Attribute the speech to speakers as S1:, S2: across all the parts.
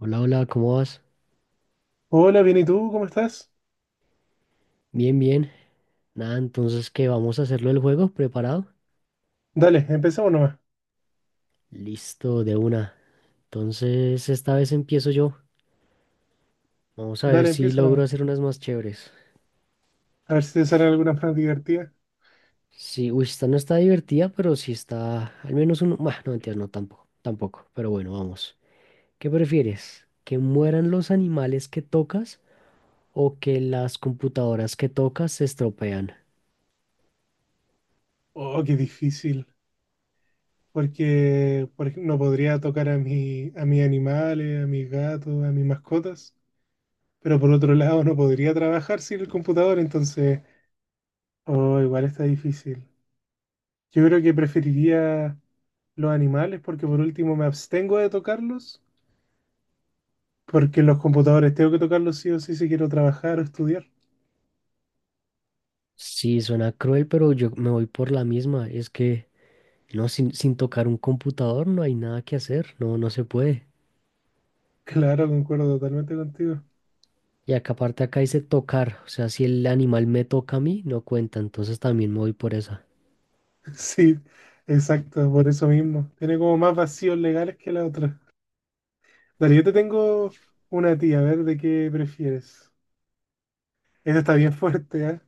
S1: Hola, hola, ¿cómo vas?
S2: Hola, bien, ¿y tú? ¿Cómo estás?
S1: Bien, bien. Nada, entonces, ¿qué? ¿Vamos a hacerlo el juego? ¿Preparado?
S2: Dale, empezamos, nomás.
S1: Listo, de una. Entonces, esta vez empiezo yo. Vamos a ver
S2: Dale,
S1: si
S2: empieza
S1: logro
S2: nomás.
S1: hacer unas más chéveres.
S2: A ver si te salen algunas más divertidas.
S1: Sí, uy, esta no está divertida, pero sí está al menos uno. Bah, no, mentiras, no, tampoco. Tampoco, pero bueno, vamos. ¿Qué prefieres? ¿Que mueran los animales que tocas o que las computadoras que tocas se estropean?
S2: Oh, qué difícil. Porque, por ejemplo, no podría tocar a mis animales, a mis gatos, a mis mascotas. Pero por otro lado, no podría trabajar sin el computador, entonces, oh, igual está difícil. Yo creo que preferiría los animales porque por último me abstengo de tocarlos. Porque los computadores tengo que tocarlos sí o sí si quiero trabajar o estudiar.
S1: Sí, suena cruel, pero yo me voy por la misma. Es que no, sin tocar un computador no hay nada que hacer, no, no se puede.
S2: Claro, concuerdo totalmente contigo.
S1: Y acá aparte acá dice tocar, o sea, si el animal me toca a mí, no cuenta, entonces también me voy por esa.
S2: Sí, exacto, por eso mismo. Tiene como más vacíos legales que la otra. Dale, yo te tengo una tía, a ver de qué prefieres. Esta está bien fuerte, ¿ah?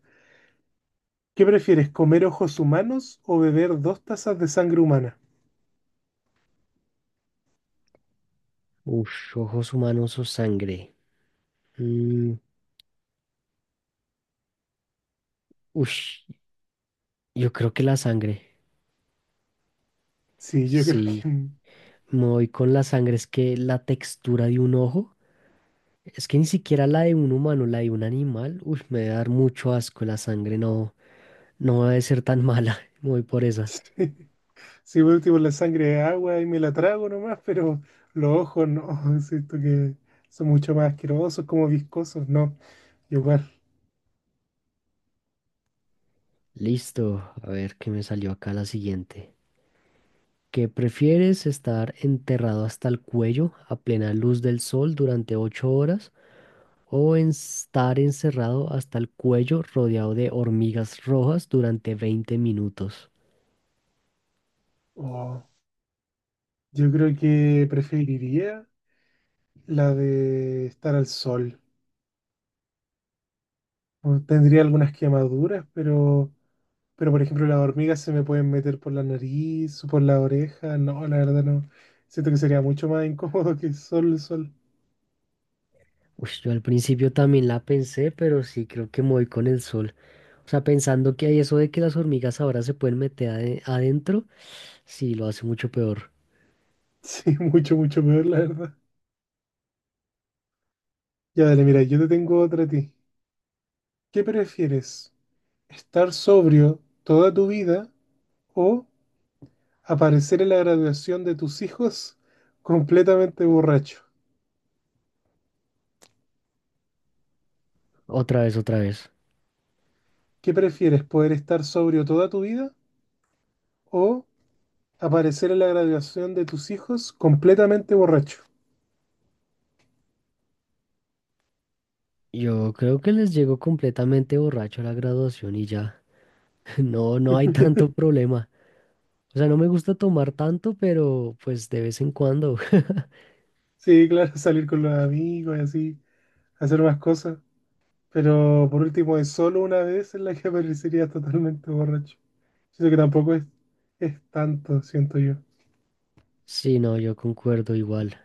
S2: ¿Qué prefieres, comer ojos humanos o beber dos tazas de sangre humana?
S1: Ush, ojos humanos o sangre. Mm, ush, yo creo que la sangre.
S2: Sí, yo creo que…
S1: Sí, me voy con la sangre, es que la textura de un ojo, es que ni siquiera la de un humano, la de un animal, uy, me debe dar mucho asco la sangre, no, no debe ser tan mala, me voy por esa.
S2: Sí, sí, por último la sangre es agua y me la trago nomás, pero los ojos no, siento que son mucho más asquerosos, como viscosos, no, igual.
S1: Listo, a ver qué me salió acá la siguiente. ¿Que prefieres estar enterrado hasta el cuello a plena luz del sol durante 8 horas o estar encerrado hasta el cuello rodeado de hormigas rojas durante 20 minutos?
S2: Oh, yo creo que preferiría la de estar al sol. O Tendría algunas quemaduras, pero por ejemplo las hormigas se me pueden meter por la nariz o por la oreja. No, la verdad no. Siento que sería mucho más incómodo que solo el sol.
S1: Uy, yo al principio también la pensé, pero sí creo que me voy con el sol. O sea, pensando que hay eso de que las hormigas ahora se pueden meter adentro, sí, lo hace mucho peor.
S2: Sí, mucho, mucho peor, la verdad. Ya, dale, mira, yo te tengo otra a ti. ¿Qué prefieres? ¿Estar sobrio toda tu vida o aparecer en la graduación de tus hijos completamente borracho?
S1: Otra vez, otra vez.
S2: ¿Qué prefieres? ¿Poder estar sobrio toda tu vida o aparecer en la graduación de tus hijos completamente borracho?
S1: Yo creo que les llego completamente borracho a la graduación y ya. No, no hay tanto problema. O sea, no me gusta tomar tanto, pero pues de vez en cuando.
S2: Sí, claro, salir con los amigos y así, hacer más cosas. Pero por último, es solo una vez en la que aparecerías totalmente borracho. Siento que tampoco es tanto, siento yo.
S1: Sí, no, yo concuerdo igual.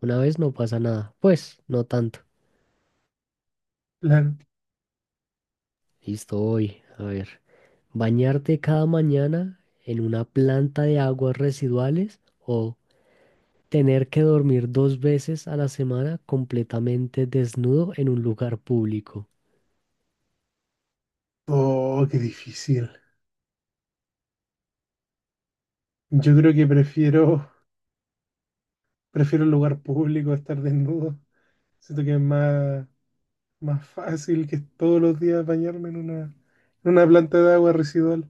S1: Una vez no pasa nada. Pues, no tanto.
S2: Claro.
S1: Listo, hoy. A ver. Bañarte cada mañana en una planta de aguas residuales o tener que dormir dos veces a la semana completamente desnudo en un lugar público.
S2: Oh, qué difícil. Yo creo que prefiero, prefiero el lugar público, estar desnudo. Siento que es más, más fácil que todos los días bañarme en una planta de agua residual.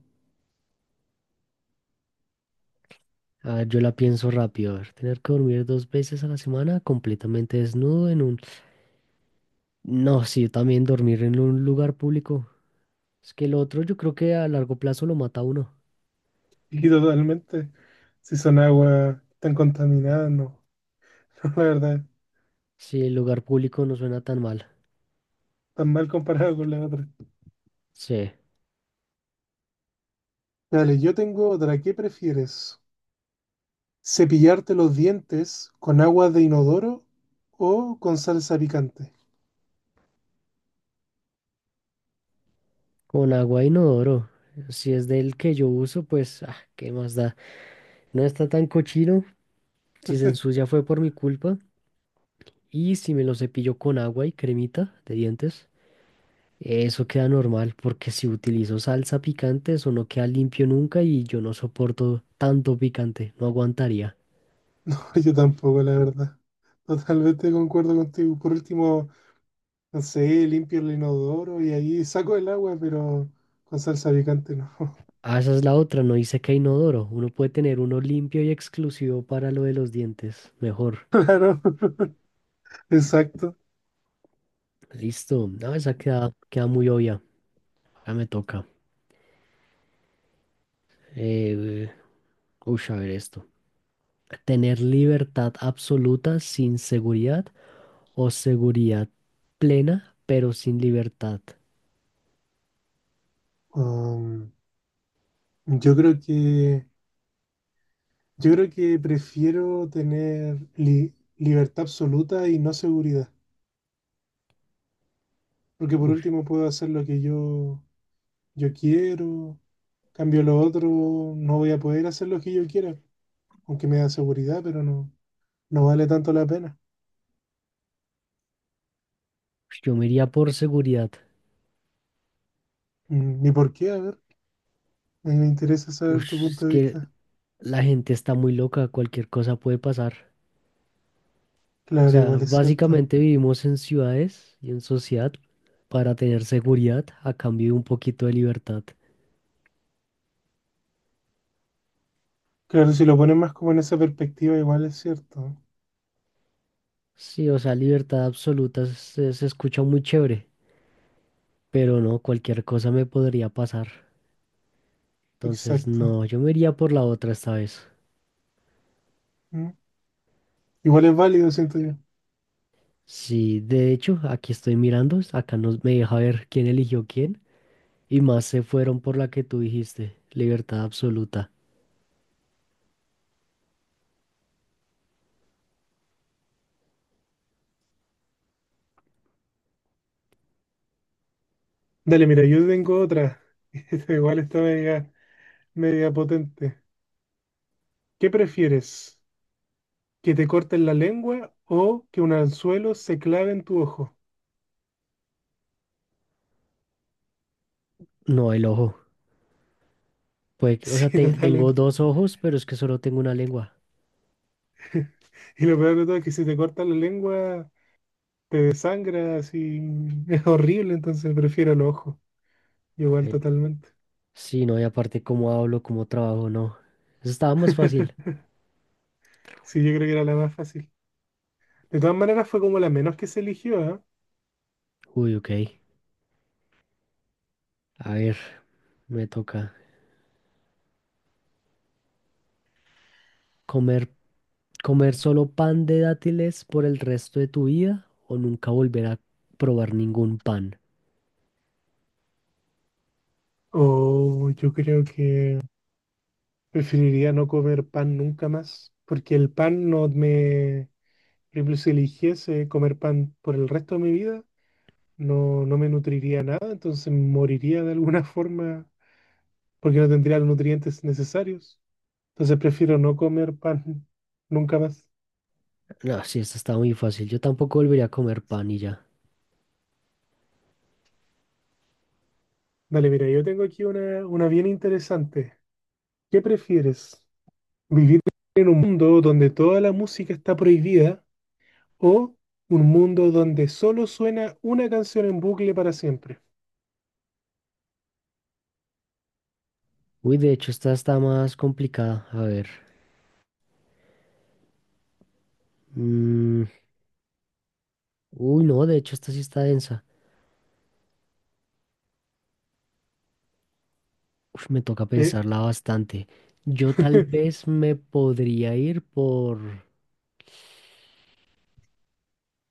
S1: A ver, yo la pienso rápido. A ver, tener que dormir dos veces a la semana completamente desnudo en un... No, sí, también dormir en un lugar público. Es que el otro yo creo que a largo plazo lo mata a uno.
S2: Y totalmente. Si son aguas tan contaminadas, no. No, la verdad,
S1: Si el lugar público no suena tan mal.
S2: tan mal comparado con la otra.
S1: Sí,
S2: Dale, yo tengo otra. ¿Qué prefieres? ¿Cepillarte los dientes con agua de inodoro o con salsa picante?
S1: con agua e inodoro. Si es del que yo uso, pues, ah, ¿qué más da? No está tan cochino. Si se ensucia fue por mi culpa. Y si me lo cepillo con agua y cremita de dientes, eso queda normal, porque si utilizo salsa picante, eso no queda limpio nunca y yo no soporto tanto picante, no aguantaría.
S2: Yo tampoco, la verdad. Totalmente concuerdo contigo. Por último, no sé, limpio el inodoro y ahí saco el agua, pero con salsa picante no.
S1: Ah, esa es la otra, no dice que hay inodoro. Uno puede tener uno limpio y exclusivo para lo de los dientes. Mejor.
S2: Claro, exacto.
S1: Listo. No, esa queda, queda muy obvia. Ya me toca. Eh, uy, a ver esto. Tener libertad absoluta sin seguridad o seguridad plena, pero sin libertad.
S2: Um, yo creo que yo creo que prefiero tener libertad absoluta y no seguridad, porque por
S1: Uy,
S2: último puedo hacer lo que yo quiero, cambio lo otro, no voy a poder hacer lo que yo quiera, aunque me da seguridad, pero no, no vale tanto la pena.
S1: yo me iría por seguridad.
S2: Mm, ni por qué, a ver, a mí me interesa
S1: Uy,
S2: saber tu
S1: es
S2: punto de
S1: que
S2: vista.
S1: la gente está muy loca, cualquier cosa puede pasar. O
S2: Claro,
S1: sea,
S2: igual es cierto.
S1: básicamente vivimos en ciudades y en sociedad para tener seguridad a cambio de un poquito de libertad.
S2: Claro, si lo pones más como en esa perspectiva, igual es cierto.
S1: Sí, o sea, libertad absoluta se, se escucha muy chévere, pero no, cualquier cosa me podría pasar. Entonces,
S2: Exacto.
S1: no, yo me iría por la otra esta vez.
S2: Mm. Igual es válido, siento yo.
S1: Sí, de hecho, aquí estoy mirando, acá nos, me deja ver quién eligió quién, y más se fueron por la que tú dijiste, libertad absoluta.
S2: Dale, mira, yo tengo otra. Igual está media media potente. ¿Qué prefieres? ¿Que te corten la lengua o que un anzuelo se clave en tu ojo?
S1: No, el ojo. O sea,
S2: Sí,
S1: tengo
S2: totalmente.
S1: dos ojos, pero es que solo tengo una lengua.
S2: Y lo peor de todo es que si te cortan la lengua, te desangras y es horrible, entonces prefiero los ojos. Igual, totalmente.
S1: Sí, no, y aparte cómo hablo, cómo trabajo, no. Eso estaba más fácil.
S2: Sí, yo creo que era la más fácil. De todas maneras, fue como la menos que se eligió, ¿ah?
S1: Uy, ok. A ver, me toca. ¿Comer, comer solo pan de dátiles por el resto de tu vida o nunca volver a probar ningún pan?
S2: O yo creo que preferiría no comer pan nunca más, porque el pan no me… Por ejemplo, si eligiese comer pan por el resto de mi vida, no, no me nutriría nada, entonces moriría de alguna forma porque no tendría los nutrientes necesarios. Entonces prefiero no comer pan nunca más.
S1: No, sí, esta está muy fácil. Yo tampoco volvería a comer pan y ya.
S2: Dale, mira, yo tengo aquí una bien interesante. ¿Qué prefieres? ¿Vivir en un mundo donde toda la música está prohibida o un mundo donde solo suena una canción en bucle para siempre?
S1: Uy, de hecho, esta está más complicada. A ver. Mm, Uy, no, de hecho, esta sí está densa. Uf, me toca
S2: Eh,
S1: pensarla bastante. Yo tal vez me podría ir por...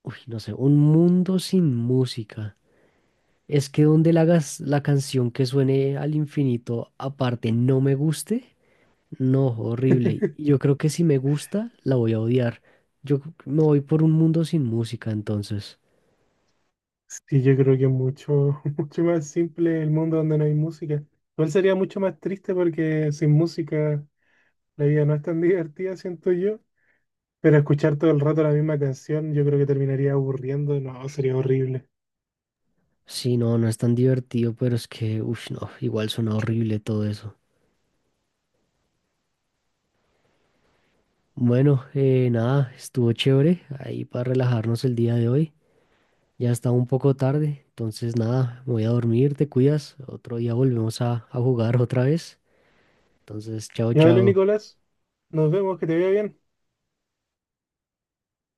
S1: Uy, no sé, un mundo sin música. Es que donde la canción que suene al infinito aparte no me guste, no, horrible. Y yo creo que si me gusta, la voy a odiar. Yo me voy por un mundo sin música, entonces.
S2: sí, yo creo que es mucho, mucho más simple el mundo donde no hay música. Igual sería mucho más triste porque sin música la vida no es tan divertida, siento yo. Pero escuchar todo el rato la misma canción, yo creo que terminaría aburriendo. No, sería horrible.
S1: Sí, no, no es tan divertido, pero es que, uff, no, igual suena horrible todo eso. Bueno, nada, estuvo chévere ahí para relajarnos el día de hoy. Ya está un poco tarde, entonces nada, me voy a dormir, te cuidas. Otro día volvemos a jugar otra vez. Entonces, chao,
S2: Ya dale,
S1: chao.
S2: Nicolás. Nos vemos, que te vea bien.